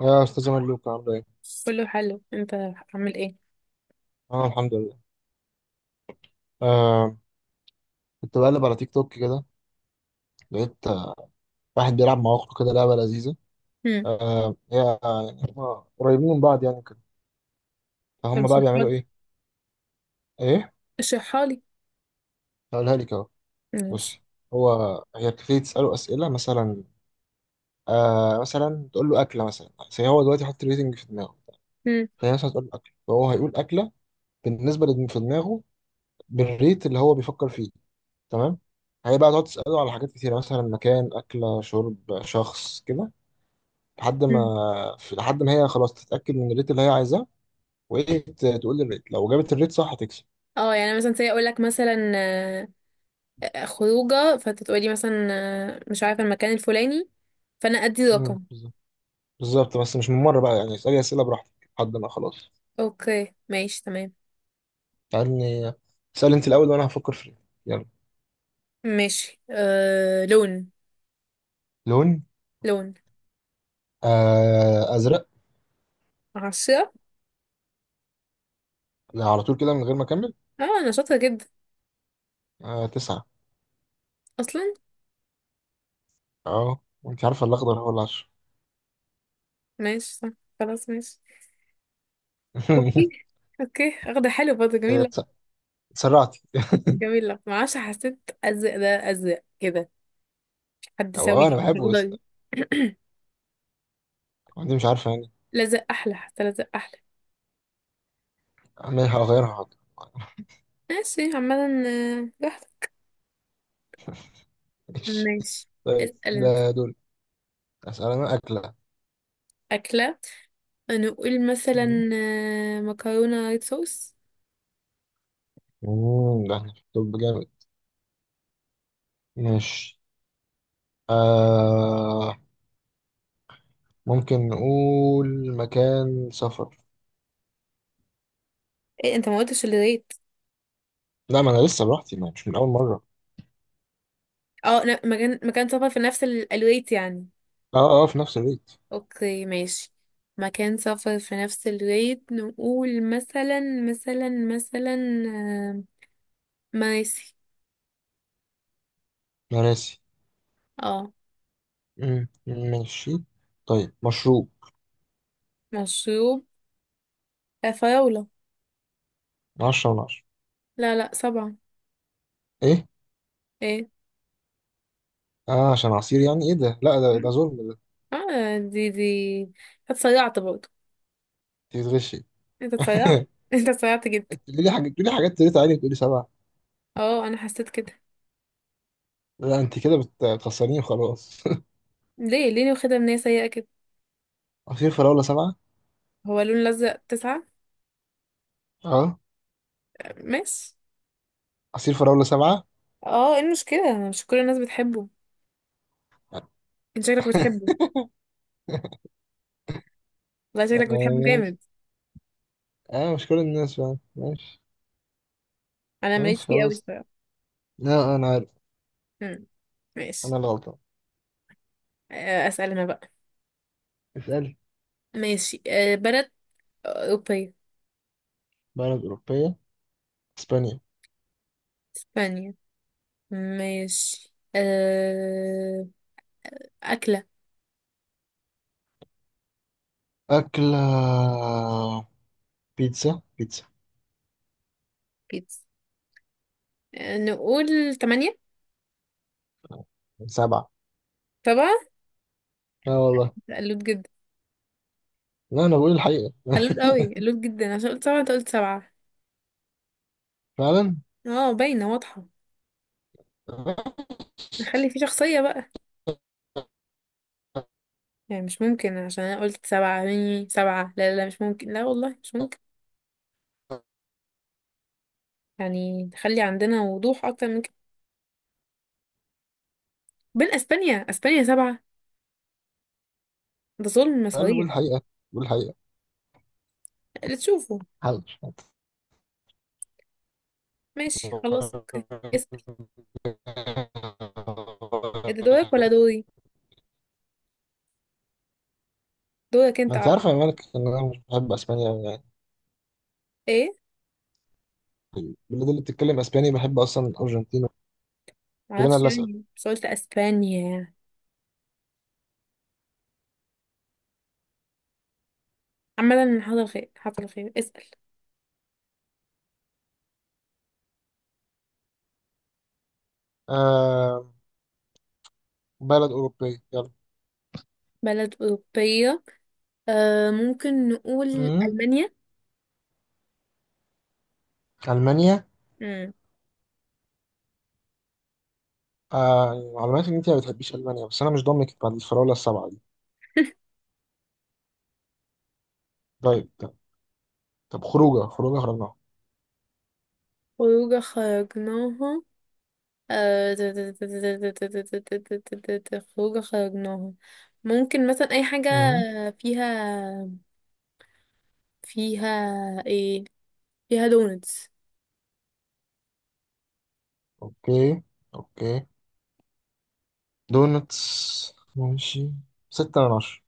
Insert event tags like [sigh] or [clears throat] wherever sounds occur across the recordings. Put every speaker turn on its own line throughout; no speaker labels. يا استاذ ملوك عامل ايه؟
كله حلو، انت عامل ايه؟
انا الحمد لله. آه. كنت بقلب على تيك توك كده. لقيت واحد بيلعب مع اخته كده لعبه لذيذه.
هم.
آه، هي، يعني هم قريبين من بعض يعني كده.
طب
فهم بقى بيعملوا
اشرحلي،
ايه؟ ايه؟
اشرحلي.
هقولها لك اهو.
ماشي.
بصي. هو هي بتبتدي تساله اسئله مثلا. مثلا تقول له اكله، مثلا زي هو دلوقتي حاطط ريتنج في دماغه.
هم.
فهي مثلا تقول له اكله، فهو هيقول اكله بالنسبه للي في دماغه، بالريت اللي هو بيفكر فيه. تمام؟ هي بقى تقعد تساله على حاجات كتيره، مثلا مكان، اكله، شرب، شخص كده، لحد
هم.
ما لحد ما هي خلاص تتأكد من الريت اللي هي عايزاه. وهي تقول لي الريت. لو جابت الريت صح هتكسب.
اه يعني مثلا زي اقول لك مثلا خروجه، فانت تقولي مثلا مش عارفه المكان الفلاني، فانا ادي رقم.
بالظبط. بالظبط، بس مش من مرة بقى يعني. اسألي أسئلة براحتك لحد ما خلاص.
اوكي ماشي تمام.
اسألني. اسألي أنت الأول وأنا هفكر في الريت. يلا.
ماشي لون.
لون.
لون.
آه، أزرق.
عشرة.
لا، على طول كده من غير ما أكمل.
اه انا شاطره جدا
آه، تسعة.
اصلا.
أه، وأنت عارفة الأخضر هو 10.
ماشي صح. خلاص ماشي. اوكي.
[laughs]
اوكي اخده حلو برضه،
إيه،
جميله.
اتسرعتي.
جميله، معرفش، حسيت ازرق ده ازرق كده. حد سوي
أو أنا بحبه بس.
لي. [clears throat]
أنت مش عارفة يعني.
لزق احلى، حتى لزق احلى.
أنا هغيرها، حاضر. [laughs]
ماشي عمدا. واحدة.
ماشي.
ماشي.
طيب،
اسأل انت.
ده دول. أسأل أنا. أكلة.
أكلة. نقول مثلا مكرونة ريد صوص.
مم، ده احنا في الطب جامد. ماشي. آه، ممكن نقول مكان سفر.
ايه انت ما قلتش الريت؟
لا، ما انا لسه براحتي، ما مش من اول مرة.
اه لا، مكان سفر في نفس الريت يعني.
اه اه، في نفس الريت.
اوكي ماشي. مكان سفر في نفس الريت. نقول مثلا مثلا مثلا مراسي.
انا راسي.
اه.
مم، ماشي. طيب، مشروب.
مشروب. فراولة.
من عشرة من عشرة.
لا، لا، سبعة.
ايه.
ايه.
اه عشان عصير يعني، ايه ده؟ لا، ده ظلم ده.
اه دي هتسرعت برضه.
انت بتغشي.
انت اتسيعت
[laughs]
[laughs] انت اتسيعت جدا.
تقولي لي حاجة، تقولي لي حاجات تريت عالي وتقولي سبعة.
اه انا حسيت كده.
لا، انت كده بتخسريني وخلاص.
ليه، ليه واخدها من هي سيئة كده؟
[laughs] عصير فراولة سبعة.
هو لون لزق تسعة.
اه،
ماشي.
عصير فراولة سبعة.
اه ايه المشكلة؟ مش كل الناس بتحبه. انت شكلك بتحبه. والله شكلك بتحبه جامد.
[laughs] اه، مش كل الناس فاهم، ماشي.
انا ماليش
ماشي
فيه قوي
خلاص.
الصراحة.
لا، انا عارف.
مم. ماشي.
انا اللي غلطان.
اسأل انا بقى.
اسألي.
ماشي بلد اوروبية.
بلد أوروبية. اسبانيا.
اسبانيا. ماشي. أكلة.
أكلة. بيتزا بيتزا.
بيتزا. نقول تمانية.
سبعة.
سبعة.
لا والله.
قلوت جدا.
لا، انا بقول الحقيقة. [laughs]
قلوت قوي، قلوت جدا عشان قلت سبعة، انت قلت سبعة.
فعلا.
اه باينة واضحة. نخلي فيه شخصية بقى. يعني مش ممكن عشان انا قلت سبعة مني سبعة، لا لا لا مش ممكن، لا والله مش ممكن. يعني نخلي عندنا وضوح اكتر من كده. بين اسبانيا، اسبانيا سبعة. ده ظلم
قال بقول
صريح.
الحقيقة. بقول الحقيقة.
اللي تشوفه.
حاضر.
ماشي خلاص اوكي. اسأل. إيه ده، دورك ولا دوري؟ دورك
ما
انت
انت
عارف.
عارفة يا مالك ان انا مش بحب اسبانيا أوي يعني.
ايه،
البلاد اللي بتتكلم اسباني بحب اصلا الارجنتين. دول انا
معرفش
اللي اسال.
يعني، بس قلت اسبانيا يعني. عامة حصل خير، حصل خير. اسأل.
آه، بلد أوروبية، يلا.
بلد أوروبية. ممكن نقول
مم.
ألمانيا.
ألمانيا.
مم.
آه، معلوماتي إن أنت ما بتحبيش ألمانيا، بس أنا مش ضامنك بعد الفراولة السبعة دي.
[laughs]
طيب طب, طب خروجة خرجناها.
خروجة خرجناها. خروجة خرجناها. ممكن مثلا أي حاجة
مم.
فيها. فيها ايه؟ فيها دونتس.
أوكي، أوكي. دونتس، ماشي. 6/10.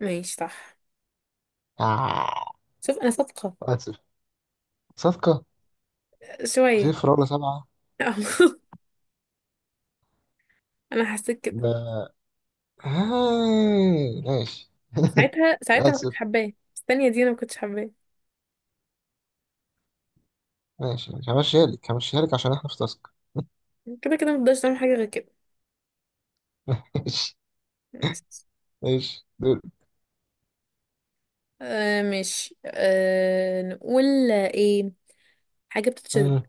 ماشي صح.
آه.
شوف أنا صادقة.
آسف. صفقة. عصير
شوية.
فراولة سبعة.
[laughs] أنا حسيت كده.
ده. آه. ماشي.
ساعتها، ساعتها ما
آسف.
كنتش حباه. الثانية دي أنا ما كنتش حباه.
ماشي، ماشي. همشيها لك، همشيها لك عشان إحنا في تاسك.
كده كده مقدرش نعمل حاجة غير كده.
[laughs] ماشي. ماشي، دول.
ماشي نقول ايه؟ حاجة بتتشرب.
مم.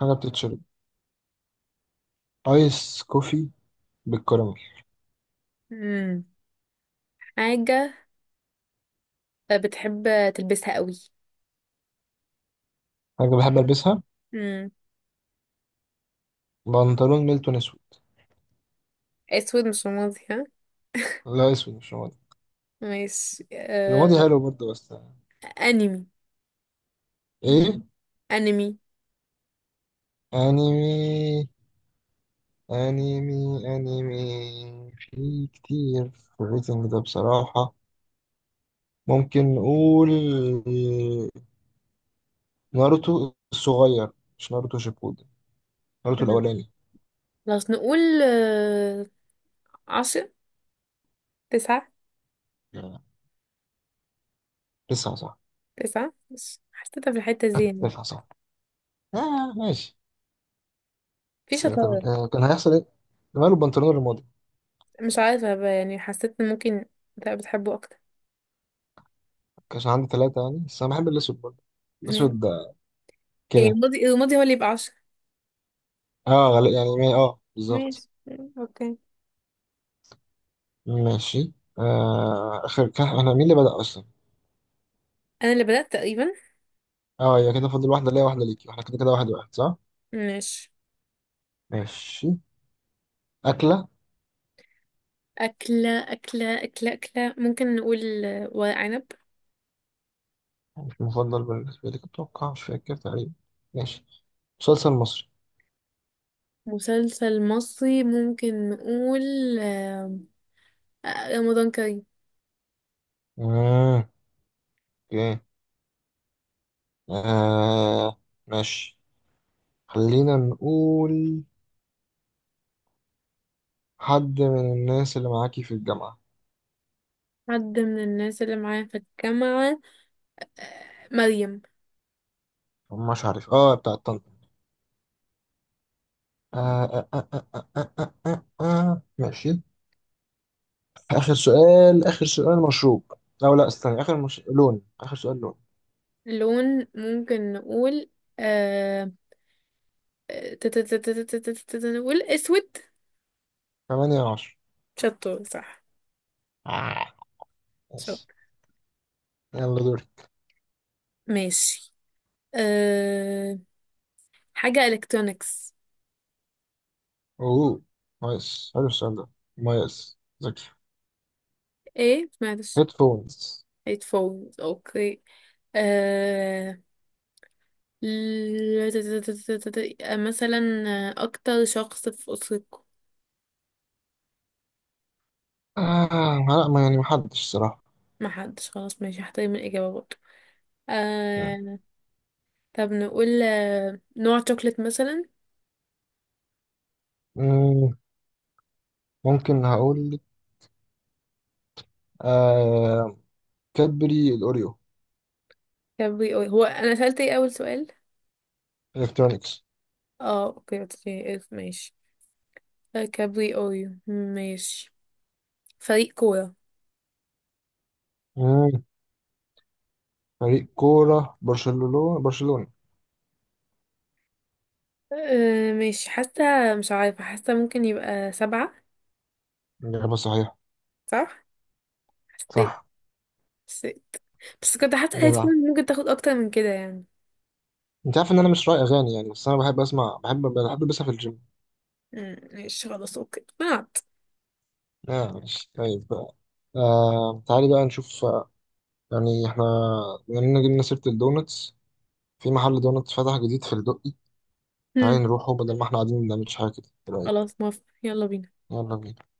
حاجة بتتشرب. آيس كوفي بالكراميل.
مم. حاجة بتحب تلبسها قوي.
حاجة بحب ألبسها. بنطلون ميلتون أسود.
اسود مش رمادي، ها.
لا، أسود مش رمادي.
ماشي. آه...
رمادي حلو برضه بس.
انمي.
إيه.
انمي.
أنيمي. أنيمي، أنيمي في كتير في الريتنج ده بصراحة. ممكن نقول ناروتو الصغير، مش ناروتو شيبودن. ناروتو الأولاني.
خلاص نقول عشرة. تسعة.
لسه صح.
تسعة مش حسيتها في الحتة دي يعني.
لسه صح. آه، ماشي.
في
بس
شطارة.
طب، كان هيحصل إيه؟ ماله البنطلون الرمادي؟
مش عارفة بقى يعني، حسيت ان ممكن تبقى بتحبه اكتر.
كانش عندي ثلاثة يعني، بس أنا بحب الأسود برضه.
ماشي.
الأسود ده
ايه،
كده.
الماضي، الماضي هو اللي يبقى عشرة.
اه، غالي يعني، بالظبط.
ماشي اوكي.
ماشي. آه، آخر كح، احنا مين اللي بدأ أصلا؟
انا اللي بدأت تقريبا.
اه، هي كده فاضل واحدة ليا واحدة ليكي، واحنا كده كده واحد واحد، صح؟
ماشي.
ماشي. أكلة.
أكلة أكلة أكلة أكلة. ممكن نقول ورق عنب.
مش مفضل بالنسبة لك أتوقع، مش فاكر تقريبا. ماشي. مسلسل مصري.
مسلسل مصري ممكن نقول آه، رمضان كريم.
مم. اوكي. آه، ماشي. خلينا نقول حد من الناس اللي معاكي في الجامعة.
حد من الناس اللي معايا في الجامعة. مريم.
مش عارف، بتاع طنطا. آه آه آه آه آه آه آه آه. آه، ماشي. آخر سؤال، آخر سؤال، مشروب. أو لا، استنى، آخر مش... لون. آخر سؤال، لون.
لون، ممكن نقول آه... نقول اسود.
8/10.
شطور صح.
آه. ماشي.
شطور.
يلا، دوري.
ماشي آه... حاجة الكترونيكس.
اوه. نايس، حلو السؤال ده. مميز، ذكي.
ايه معلش.
هيدفونز.
هيتفوز اوكي. آه... ل- ت- ت- ت- ت- ت- ت- مثلا اكتر شخص في اسرتكم.
آه، لا، ما يعني محدش صراحة.
ما حدش، خلاص ماشي، هحترم الاجابه برضه. آه... طب نقول نوع شوكليت مثلا.
مم. ممكن هقول لك. آه. كادبري الأوريو.
كان بي هو، انا سألت ايه اول سؤال؟
إلكترونيكس.
اه اوكي، اوكي، إيه، إيه، ماشي. كابري اويو ماشي. فريق كورة.
مم. فريق كورة. برشلونة، برشلونة.
ماشي، حاسة مش عارفة، حاسة ممكن يبقى سبعة.
إجابة صحيحة.
صح. حسيت.
صح.
حسيت. بس كنت حاسة
جدع.
هيدفون ممكن تاخد اكتر من كده يعني.
أنت عارف إن أنا مش رأي أغاني يعني، بس أنا بحب أسمع. بحب ألبسها في الجيم.
مم. ماشي خلاص اوكي مات.
آه، ماشي طيب بقى. آه، تعالي بقى نشوف. يعني احنا بما اننا جبنا سيرة الدونتس، في محل دونتس فتح جديد في الدقي. تعالي نروحه بدل ما احنا قاعدين ما بنعملش حاجة كده. ايه رأيك؟
خلاص موافقة يلا بينا.
يلا بينا.